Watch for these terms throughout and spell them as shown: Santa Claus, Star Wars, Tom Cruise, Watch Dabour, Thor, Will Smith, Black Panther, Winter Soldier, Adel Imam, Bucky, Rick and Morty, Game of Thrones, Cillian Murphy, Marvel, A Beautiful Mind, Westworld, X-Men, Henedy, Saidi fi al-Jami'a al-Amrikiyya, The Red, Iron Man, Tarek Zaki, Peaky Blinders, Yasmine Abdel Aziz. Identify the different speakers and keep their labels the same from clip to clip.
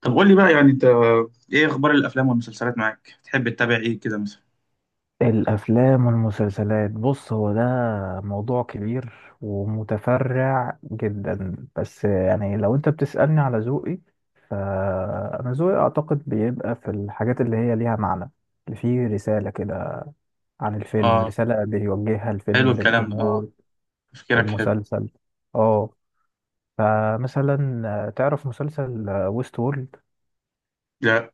Speaker 1: طب قول لي بقى يعني انت ايه اخبار الافلام والمسلسلات معاك؟ تحب تتابع ايه كده مثلا؟
Speaker 2: الأفلام والمسلسلات، بص هو ده موضوع كبير ومتفرع جدا. بس يعني لو أنت بتسألني على ذوقي، فأنا ذوقي أعتقد بيبقى في الحاجات اللي هي ليها معنى، اللي فيه رسالة كده عن الفيلم،
Speaker 1: اه،
Speaker 2: رسالة بيوجهها
Speaker 1: حلو
Speaker 2: الفيلم
Speaker 1: الكلام ده. اه
Speaker 2: للجمهور.
Speaker 1: تفكيرك حلو.
Speaker 2: المسلسل، اه، فمثلا تعرف مسلسل ويست وورلد؟
Speaker 1: لا.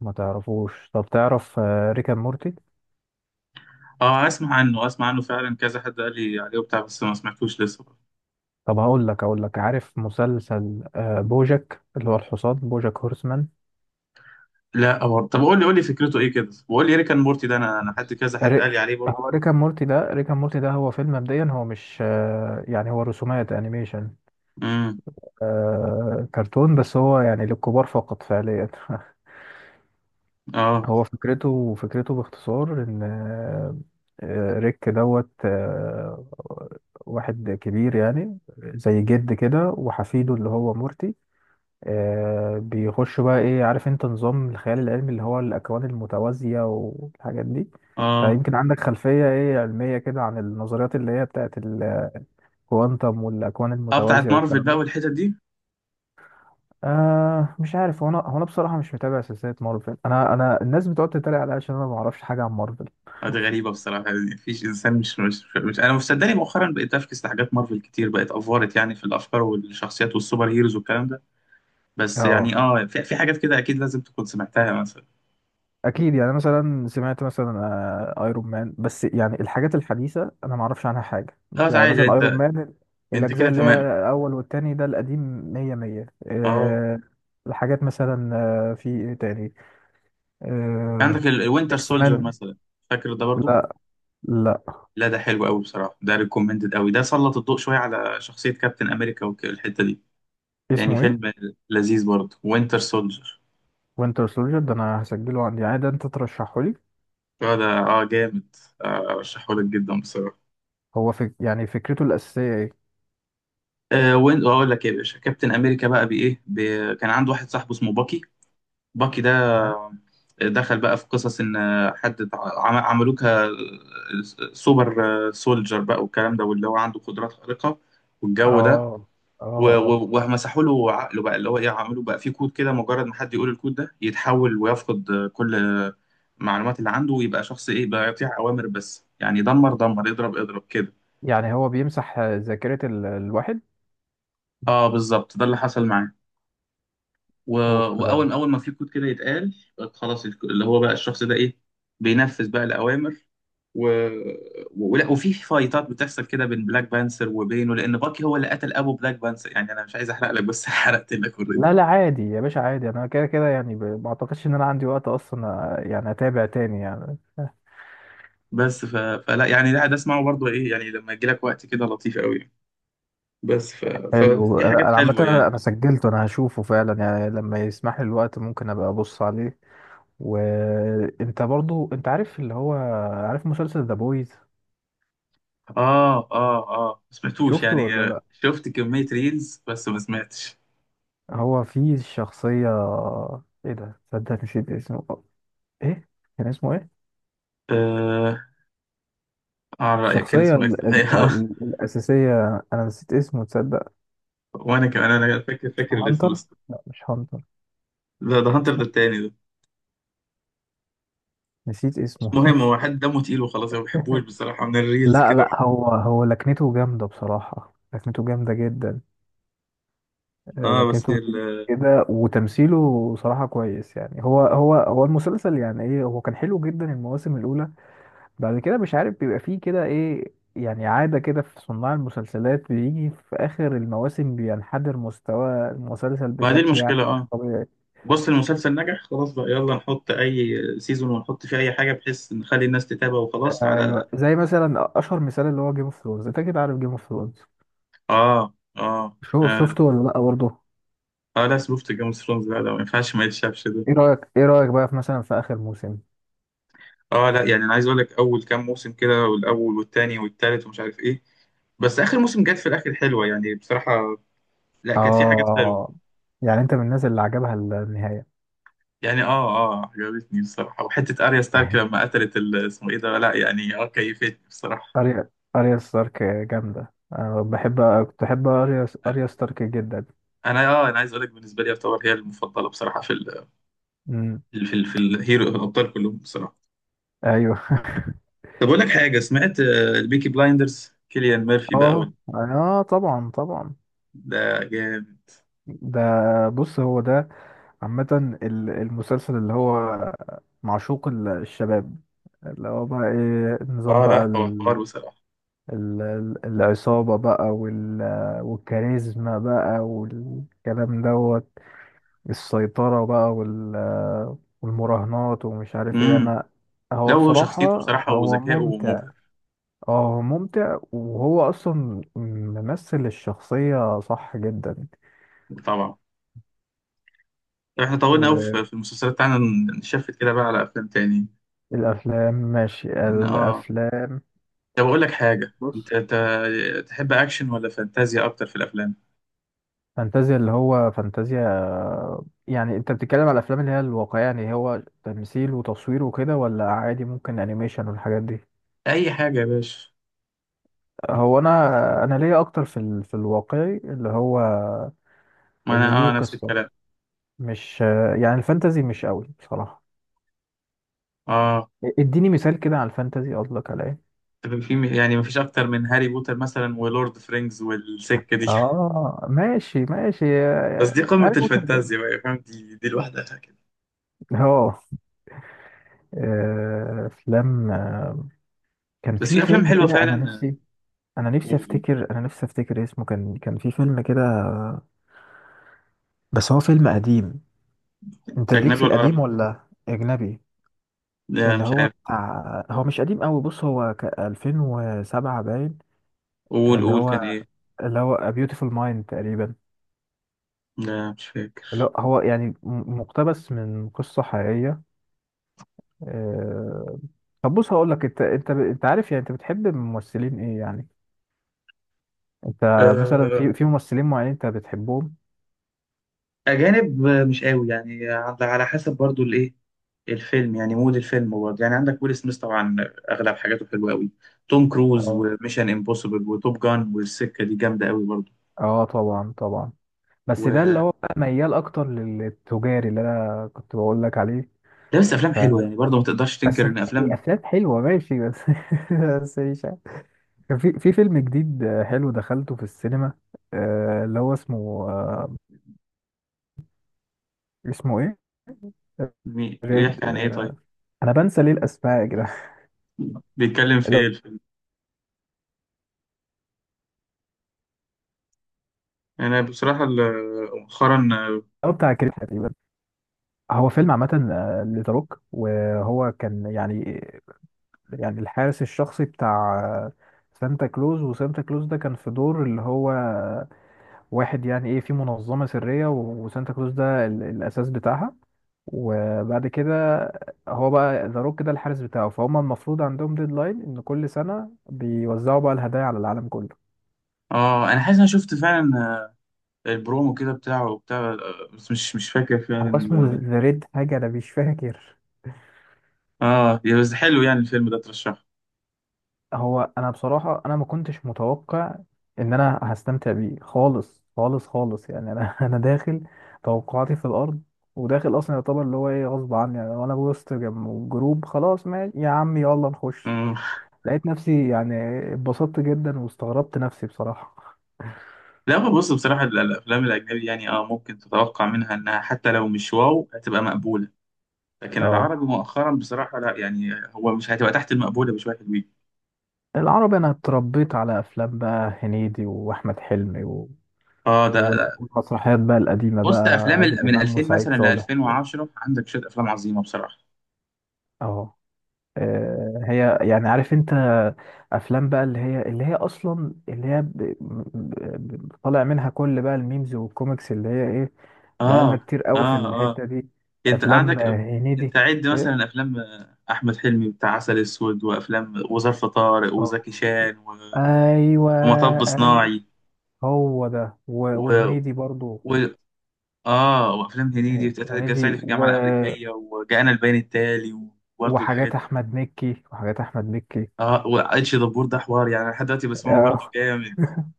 Speaker 2: ما تعرفوش؟ طب تعرف ريكا مورتي؟
Speaker 1: اه اسمع عنه، اسمع عنه فعلا، كذا حد قال لي عليه وبتاع بس ما سمعتوش لسه.
Speaker 2: طب هقول لك، عارف مسلسل، بوجك اللي هو الحصان بوجك هورسمان؟
Speaker 1: لا برضه. طب قول لي قول لي فكرته ايه كده، وقول لي ريكان مورتي ده، انا حد كذا حد قال
Speaker 2: ري-
Speaker 1: لي عليه برضه.
Speaker 2: هو ريكا مورتي ده، هو فيلم مبدئيا، هو مش يعني هو رسومات انيميشن،
Speaker 1: امم
Speaker 2: كرتون، بس هو يعني للكبار فقط فعليا
Speaker 1: اه
Speaker 2: هو فكرته، باختصار ان ريك دوت، واحد كبير يعني زي جد كده وحفيده اللي هو مورتي، آه بيخش بقى ايه، عارف انت نظام الخيال العلمي اللي هو الاكوان المتوازية والحاجات دي؟ انت
Speaker 1: اه
Speaker 2: يمكن عندك خلفية ايه علمية كده عن النظريات اللي هي بتاعت الكوانتم والاكوان
Speaker 1: اه بتاعت
Speaker 2: المتوازية
Speaker 1: مارفل
Speaker 2: والكلام
Speaker 1: بقى
Speaker 2: ده.
Speaker 1: والحتت دي.
Speaker 2: آه مش عارف، هو انا، هو انا بصراحة مش متابع سلسلة مارفل. انا الناس بتقعد تتريق عليا عشان انا ما اعرفش حاجة عن مارفل.
Speaker 1: دي غريبه بصراحه، يعني مفيش انسان. مش انا، مصدقني مؤخرا بقيت افكس لحاجات مارفل كتير، بقت افورت يعني في الافكار والشخصيات والسوبر هيروز والكلام ده. بس
Speaker 2: اه
Speaker 1: يعني اه في حاجات كده اكيد لازم تكون سمعتها مثلا.
Speaker 2: اكيد، يعني مثلا سمعت مثلا، ايرون مان. بس يعني الحاجات الحديثه انا ما اعرفش عنها حاجه.
Speaker 1: خلاص
Speaker 2: يعني
Speaker 1: عادي
Speaker 2: مثلا ايرون
Speaker 1: انت.
Speaker 2: مان،
Speaker 1: انت
Speaker 2: الاجزاء
Speaker 1: كده
Speaker 2: اللي
Speaker 1: تمام.
Speaker 2: هي الاول والتاني ده القديم. 100 100
Speaker 1: اه
Speaker 2: أه. الحاجات مثلا، في ايه تاني، أه.
Speaker 1: عندك الوينتر
Speaker 2: اكس
Speaker 1: سولجر
Speaker 2: مان.
Speaker 1: مثلا، فاكر ده برضو؟
Speaker 2: لا، لا.
Speaker 1: لا ده حلو قوي بصراحه، ده ريكومندد قوي، ده سلط الضوء شويه على شخصيه كابتن امريكا والحته دي. يعني
Speaker 2: اسمه ايه؟
Speaker 1: فيلم لذيذ برضو وينتر سولجر.
Speaker 2: وينتر سولجر ده انا هسجله عندي، يعني ده انت ترشحه لي.
Speaker 1: اه ده اه جامد. ارشحه لك جدا بصراحه.
Speaker 2: هو يعني فكرته الاساسيه ايه؟
Speaker 1: آه وين اقول لك ايه يا باشا، كابتن امريكا بقى بايه كان عنده واحد صاحبه اسمه باكي. باكي ده
Speaker 2: تمام.
Speaker 1: دخل بقى في قصص ان حد عملوه كسوبر سولجر بقى والكلام ده، واللي هو عنده قدرات خارقة والجو ده.
Speaker 2: اه اه
Speaker 1: و-
Speaker 2: اه،
Speaker 1: و- ومسحوا له عقله بقى اللي هو ايه، عملوا بقى فيه كود كده، مجرد ما حد يقول الكود ده يتحول ويفقد كل المعلومات اللي عنده ويبقى شخص ايه بقى، يطيع اوامر بس يعني دمر دمر اضرب اضرب كده.
Speaker 2: يعني هو بيمسح ذاكره الواحد.
Speaker 1: اه بالظبط ده اللي حصل معاه. و...
Speaker 2: اوف ده.
Speaker 1: واول اول ما في كود كده يتقال خلاص اللي هو بقى الشخص ده ايه، بينفذ بقى الاوامر. و... ولا وفي فايتات بتحصل كده بين بلاك بانثر وبينه، لان باكي هو اللي قتل ابو بلاك بانثر. يعني انا مش عايز احرق لك بس حرقت لك اوريدي.
Speaker 2: لا لا، عادي يا باشا عادي، انا كده كده يعني، ما اعتقدش ان انا عندي وقت اصلا، يعني اتابع تاني يعني.
Speaker 1: فلا يعني، لا ده اسمعه برضه ايه، يعني لما يجي لك وقت كده لطيف قوي.
Speaker 2: حلو.
Speaker 1: ففي
Speaker 2: انا،
Speaker 1: حاجات
Speaker 2: عامه،
Speaker 1: حلوه
Speaker 2: انا
Speaker 1: يعني.
Speaker 2: سجلته، انا هشوفه فعلا يعني لما يسمح لي الوقت ممكن ابقى ابص عليه. وانت برضو، انت عارف اللي هو، عارف مسلسل ذا بويز؟
Speaker 1: اه اه اه ما سمعتوش
Speaker 2: شفته
Speaker 1: يعني،
Speaker 2: ولا لا؟
Speaker 1: شفت كميه ريلز بس ما سمعتش.
Speaker 2: هو فيه شخصيه، ايه ده، صدق نسيت اسمه. ايه كان اسمه ايه؟
Speaker 1: آه عن رأيك كان
Speaker 2: الشخصيه
Speaker 1: اسمه ايه؟
Speaker 2: الاساسيه، انا نسيت اسمه تصدق.
Speaker 1: وانا كمان انا فاكر الاسم
Speaker 2: هانتر.
Speaker 1: بس.
Speaker 2: لا مش هانتر.
Speaker 1: ده ده هانتر ده التاني ده.
Speaker 2: نسيت
Speaker 1: مش
Speaker 2: اسمه.
Speaker 1: مهم، هو حد دمه تقيل وخلاص، أنا ما بحبوش بصراحه من الريلز
Speaker 2: لا
Speaker 1: كده.
Speaker 2: لا، هو لكنته جامدة بصراحة، لكنته جامدة جدا.
Speaker 1: اه
Speaker 2: لكنته انجليزي كده وتمثيله صراحة كويس. يعني هو المسلسل يعني ايه، هو كان حلو جدا المواسم الأولى. بعد كده مش عارف بيبقى فيه كده ايه، يعني عادة كده في صناع المسلسلات بيجي في آخر المواسم بينحدر مستوى المسلسل
Speaker 1: ما دي
Speaker 2: بشكل يعني
Speaker 1: المشكله اه.
Speaker 2: طبيعي.
Speaker 1: بص المسلسل نجح خلاص، بقى يلا نحط اي سيزون ونحط فيه اي حاجه بحيث نخلي الناس تتابع وخلاص على.
Speaker 2: ايوه زي مثلا أشهر مثال اللي هو جيم اوف ثرونز، انت كده عارف جيم اوف ثرونز؟
Speaker 1: اه اه
Speaker 2: شوف شفته ولا لا برضه؟
Speaker 1: آه لا، شفت جيم اوف ثرونز، لا لا ما ينفعش ما يتشافش ده.
Speaker 2: ايه رأيك، بقى في مثلا في آخر موسم؟
Speaker 1: اه لا يعني انا عايز اقول لك، اول كام موسم كده، والاول والتاني والتالت ومش عارف ايه، بس اخر موسم جت في الاخر حلوه يعني بصراحه. لا كانت في حاجات حلوه
Speaker 2: اه. يعني انت من الناس اللي عجبها النهاية.
Speaker 1: يعني. اه اه عجبتني بصراحة، وحتة اريا ستارك لما قتلت اسمه ايه ده، لا يعني اه كيفتني بصراحة.
Speaker 2: اريا اريا ستارك جامدة، انا بحب، كنت بحب اريا ستارك جدا.
Speaker 1: انا اه انا عايز اقول لك بالنسبة لي يعتبر هي المفضلة بصراحة
Speaker 2: امم.
Speaker 1: في الهيرو الابطال كلهم بصراحة.
Speaker 2: ايوه.
Speaker 1: طب اقول لك حاجة، سمعت البيكي بلايندرز كيليان ميرفي بقى
Speaker 2: اه اه طبعا طبعا.
Speaker 1: ده جامد.
Speaker 2: ده، بص هو ده عامة، المسلسل اللي هو معشوق الشباب، اللي هو بقى ايه، نظام
Speaker 1: اه
Speaker 2: بقى
Speaker 1: لا هو حوار بصراحة.
Speaker 2: العصابة بقى والكاريزما بقى والكلام دوت، السيطرة بقى والمراهنات ومش عارف ايه
Speaker 1: امم
Speaker 2: انا.
Speaker 1: لا
Speaker 2: هو
Speaker 1: هو
Speaker 2: بصراحة
Speaker 1: شخصيته بصراحة
Speaker 2: هو
Speaker 1: وذكائه
Speaker 2: ممتع.
Speaker 1: مبهر.
Speaker 2: اه هو ممتع، وهو اصلا ممثل الشخصية صح جدا.
Speaker 1: طبعا. احنا طولنا قوي في المسلسلات بتاعنا، نشفت كده بقى على افلام تاني.
Speaker 2: والافلام، ماشي
Speaker 1: اه
Speaker 2: الافلام.
Speaker 1: طب أقول لك حاجة،
Speaker 2: بص،
Speaker 1: أنت تحب أكشن ولا فانتازيا أكتر في الأفلام؟
Speaker 2: فانتازيا اللي هو فانتازيا، يعني انت بتتكلم على الافلام اللي هي الواقعيه يعني هو تمثيل وتصوير وكده، ولا عادي ممكن انيميشن والحاجات دي؟
Speaker 1: أي حاجة يا باشا.
Speaker 2: هو انا، ليا اكتر في في الواقعي، اللي هو
Speaker 1: ما
Speaker 2: اللي
Speaker 1: أنا
Speaker 2: ليه
Speaker 1: آه نفس
Speaker 2: قصه،
Speaker 1: الكلام.
Speaker 2: مش يعني الفانتازي مش قوي بصراحه.
Speaker 1: آه
Speaker 2: اديني مثال كده على الفانتازي، قصدك على ايه؟
Speaker 1: طب في يعني مفيش أكتر من هاري بوتر مثلا ولورد فرينجز والسكة دي.
Speaker 2: اه ماشي ماشي،
Speaker 1: بس دي قمة
Speaker 2: عارف وصل جامد.
Speaker 1: الفانتازيا بقى فاهم، دي دي لوحدها كده.
Speaker 2: اه. افلام. كان
Speaker 1: بس
Speaker 2: في
Speaker 1: في أفلام
Speaker 2: فيلم
Speaker 1: حلوة
Speaker 2: كده انا
Speaker 1: فعلا.
Speaker 2: نفسي، انا نفسي
Speaker 1: قول قول.
Speaker 2: افتكر انا نفسي افتكر اسمه، كان في فيلم كده. بس هو فيلم قديم. انت ليك في
Speaker 1: أجنبي ولا
Speaker 2: القديم
Speaker 1: عربي؟
Speaker 2: ولا اجنبي؟
Speaker 1: لا
Speaker 2: اللي
Speaker 1: مش
Speaker 2: هو
Speaker 1: عارف.
Speaker 2: بتاع، هو مش قديم قوي، بص هو ك 2007 باين.
Speaker 1: قول
Speaker 2: اللي
Speaker 1: قول
Speaker 2: هو،
Speaker 1: كان إيه؟
Speaker 2: A Beautiful Mind تقريبا،
Speaker 1: لا مش
Speaker 2: اللي هو
Speaker 1: فاكر.
Speaker 2: هو يعني مقتبس من قصة حقيقية. آه، طب بص، هقول لك، انت انت عارف يعني، انت بتحب ممثلين ايه يعني انت؟ مثلا في
Speaker 1: آه
Speaker 2: في ممثلين معينين انت بتحبهم.
Speaker 1: أجانب، مش قوي يعني، على على حسب برضو الإيه، الفيلم يعني مود الفيلم برضه. يعني عندك ويل سميث طبعا، اغلب حاجاته حلوه قوي. توم كروز
Speaker 2: اه
Speaker 1: وميشن امبوسيبل وتوب جان والسكه دي جامده قوي برضه.
Speaker 2: اه طبعا طبعا. بس ده اللي
Speaker 1: وده
Speaker 2: هو بقى ميال اكتر للتجاري اللي انا كنت بقول لك عليه.
Speaker 1: بس افلام
Speaker 2: ف...
Speaker 1: حلوه يعني برضه، ما تقدرش تنكر
Speaker 2: بس هي
Speaker 1: ان افلام.
Speaker 2: افلام حلوه ماشي، بس بس مش عارف. كان في في فيلم جديد، حلو، دخلته في السينما، اللي هو اسمه، اسمه ايه،
Speaker 1: بيحكي
Speaker 2: ريد،
Speaker 1: عن ايه طيب،
Speaker 2: انا بنسى ليه الاسماء يا جدعان.
Speaker 1: بيتكلم في ايه
Speaker 2: اللي
Speaker 1: الفيلم؟ انا بصراحه مؤخرا
Speaker 2: هو بتاع كريم تقريبا. هو فيلم عامه، لذا روك، وهو كان يعني، يعني الحارس الشخصي بتاع سانتا كلوز. وسانتا كلوز ده كان في دور اللي هو واحد يعني ايه في منظمة سرية، وسانتا كلوز ده الأساس بتاعها. وبعد كده هو بقى ذا روك ده الحارس بتاعه، فهم المفروض عندهم ديدلاين إن كل سنة بيوزعوا بقى الهدايا على العالم كله.
Speaker 1: اه انا حاسس انا شفت فعلا البرومو كده بتاعه بتاع بس مش مش فاكر
Speaker 2: هو
Speaker 1: فعلا
Speaker 2: اسمه ذا ريد حاجة أنا مش فاكر.
Speaker 1: اه يا بس حلو يعني الفيلم ده ترشحه.
Speaker 2: هو أنا بصراحة أنا ما كنتش متوقع إن أنا هستمتع بيه خالص خالص خالص يعني. أنا أنا داخل توقعاتي في الأرض، وداخل أصلا يعتبر اللي هو إيه غصب عني، يعني وأنا وسط جروب، خلاص ماشي يا عم يلا نخش.
Speaker 1: آه.
Speaker 2: لقيت نفسي يعني اتبسطت جدا واستغربت نفسي بصراحة.
Speaker 1: لا هو بص بصراحة الأفلام الأجنبي، يعني اه ممكن تتوقع منها إنها حتى لو مش واو هتبقى مقبولة، لكن
Speaker 2: اه
Speaker 1: العربي مؤخرا بصراحة لا، يعني هو مش هتبقى تحت المقبولة بشوية حلوين.
Speaker 2: العربي انا اتربيت على افلام بقى هنيدي واحمد حلمي و...
Speaker 1: اه ده
Speaker 2: والمسرحيات بقى القديمة
Speaker 1: بص ده
Speaker 2: بقى
Speaker 1: أفلام
Speaker 2: عادل
Speaker 1: من
Speaker 2: امام
Speaker 1: 2000
Speaker 2: وسعيد
Speaker 1: مثلا ل
Speaker 2: صالح.
Speaker 1: 2010 عندك شوية أفلام عظيمة بصراحة.
Speaker 2: اه. هي يعني عارف انت، افلام بقى اللي هي اصلا اللي هي ب... ب... ب... طالع منها كل بقى الميمز والكوميكس اللي هي ايه. بقالنا
Speaker 1: اه
Speaker 2: كتير قوي في
Speaker 1: اه اه
Speaker 2: الحتة دي.
Speaker 1: أنت
Speaker 2: افلام
Speaker 1: عندك،
Speaker 2: هنيدي.
Speaker 1: أنت عد مثلا أفلام أحمد حلمي بتاع عسل أسود وأفلام وظرف طارق
Speaker 2: آه.
Speaker 1: وزكي شان
Speaker 2: ايوه.
Speaker 1: ومطب
Speaker 2: أيوة،
Speaker 1: صناعي
Speaker 2: هو ده، وهنيدي برضو
Speaker 1: و... اه وافلام هنيدي
Speaker 2: آه،
Speaker 1: بتاعت
Speaker 2: هنيدي
Speaker 1: صعيدي في
Speaker 2: و...
Speaker 1: الجامعه الامريكيه وجاءنا البيان التالي، وبرضه الحاجات دي.
Speaker 2: وحاجات احمد مكي.
Speaker 1: اه واتش دبور ده حوار، يعني لحد دلوقتي بسمعه برضه
Speaker 2: آه.
Speaker 1: جامد.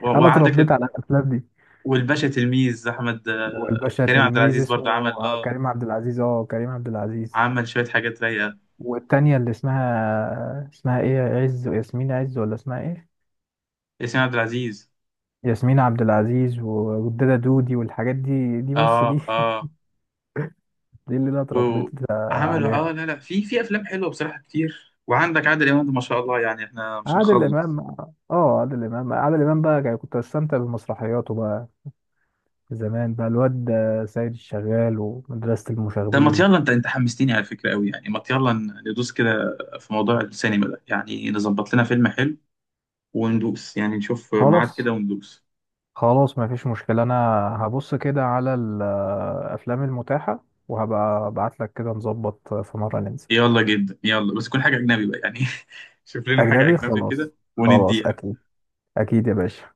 Speaker 2: انا
Speaker 1: وعندك
Speaker 2: اتربيت على الافلام دي.
Speaker 1: والباشا تلميذ احمد
Speaker 2: والباشا
Speaker 1: كريم عبد
Speaker 2: تلميذ
Speaker 1: العزيز برضه
Speaker 2: اسمه
Speaker 1: عمل اه،
Speaker 2: كريم عبد العزيز، اه كريم عبد العزيز.
Speaker 1: عمل شويه حاجات رايقه.
Speaker 2: والتانية اللي اسمها، اسمها ايه، عز، ياسمين عز، ولا اسمها ايه؟
Speaker 1: ياسمين عبد العزيز.
Speaker 2: ياسمين عبد العزيز والدادا دودي والحاجات دي، دي بص
Speaker 1: اه
Speaker 2: دي
Speaker 1: اه
Speaker 2: دي اللي انا اتربيت
Speaker 1: وعملوا اه
Speaker 2: عليها.
Speaker 1: لا لا، في افلام حلوه بصراحه كتير، وعندك عادل امام ده ما شاء الله يعني احنا مش
Speaker 2: عادل
Speaker 1: هنخلص.
Speaker 2: امام. اه عادل امام، بقى يعني كنت بستمتع بمسرحياته بقى زمان بقى، الواد ده، سيد الشغال، ومدرسة
Speaker 1: طب ما
Speaker 2: المشاغبين.
Speaker 1: يلا انت انت حمستني على فكره قوي، يعني ما يلا ندوس كده في موضوع السينما ده، يعني نظبط لنا فيلم حلو وندوس، يعني نشوف ميعاد
Speaker 2: خلاص
Speaker 1: كده وندوس.
Speaker 2: خلاص، ما فيش مشكلة. انا هبص كده على الافلام المتاحة وهبقى ابعت لك كده نظبط في مرة ننزل.
Speaker 1: يلا جدا، يلا بس تكون حاجه اجنبي بقى يعني. شوف لنا حاجه
Speaker 2: اجنبي
Speaker 1: اجنبي
Speaker 2: خلاص
Speaker 1: كده
Speaker 2: خلاص،
Speaker 1: ونديها.
Speaker 2: اكيد، اكيد يا باشا.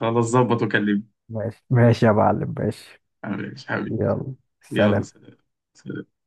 Speaker 1: خلاص ظبط وكلمني.
Speaker 2: ماشي ماشي يا معلم ماشي.
Speaker 1: معلش حبيبي.
Speaker 2: يلا
Speaker 1: يلا
Speaker 2: سلام.
Speaker 1: سلام. سلام.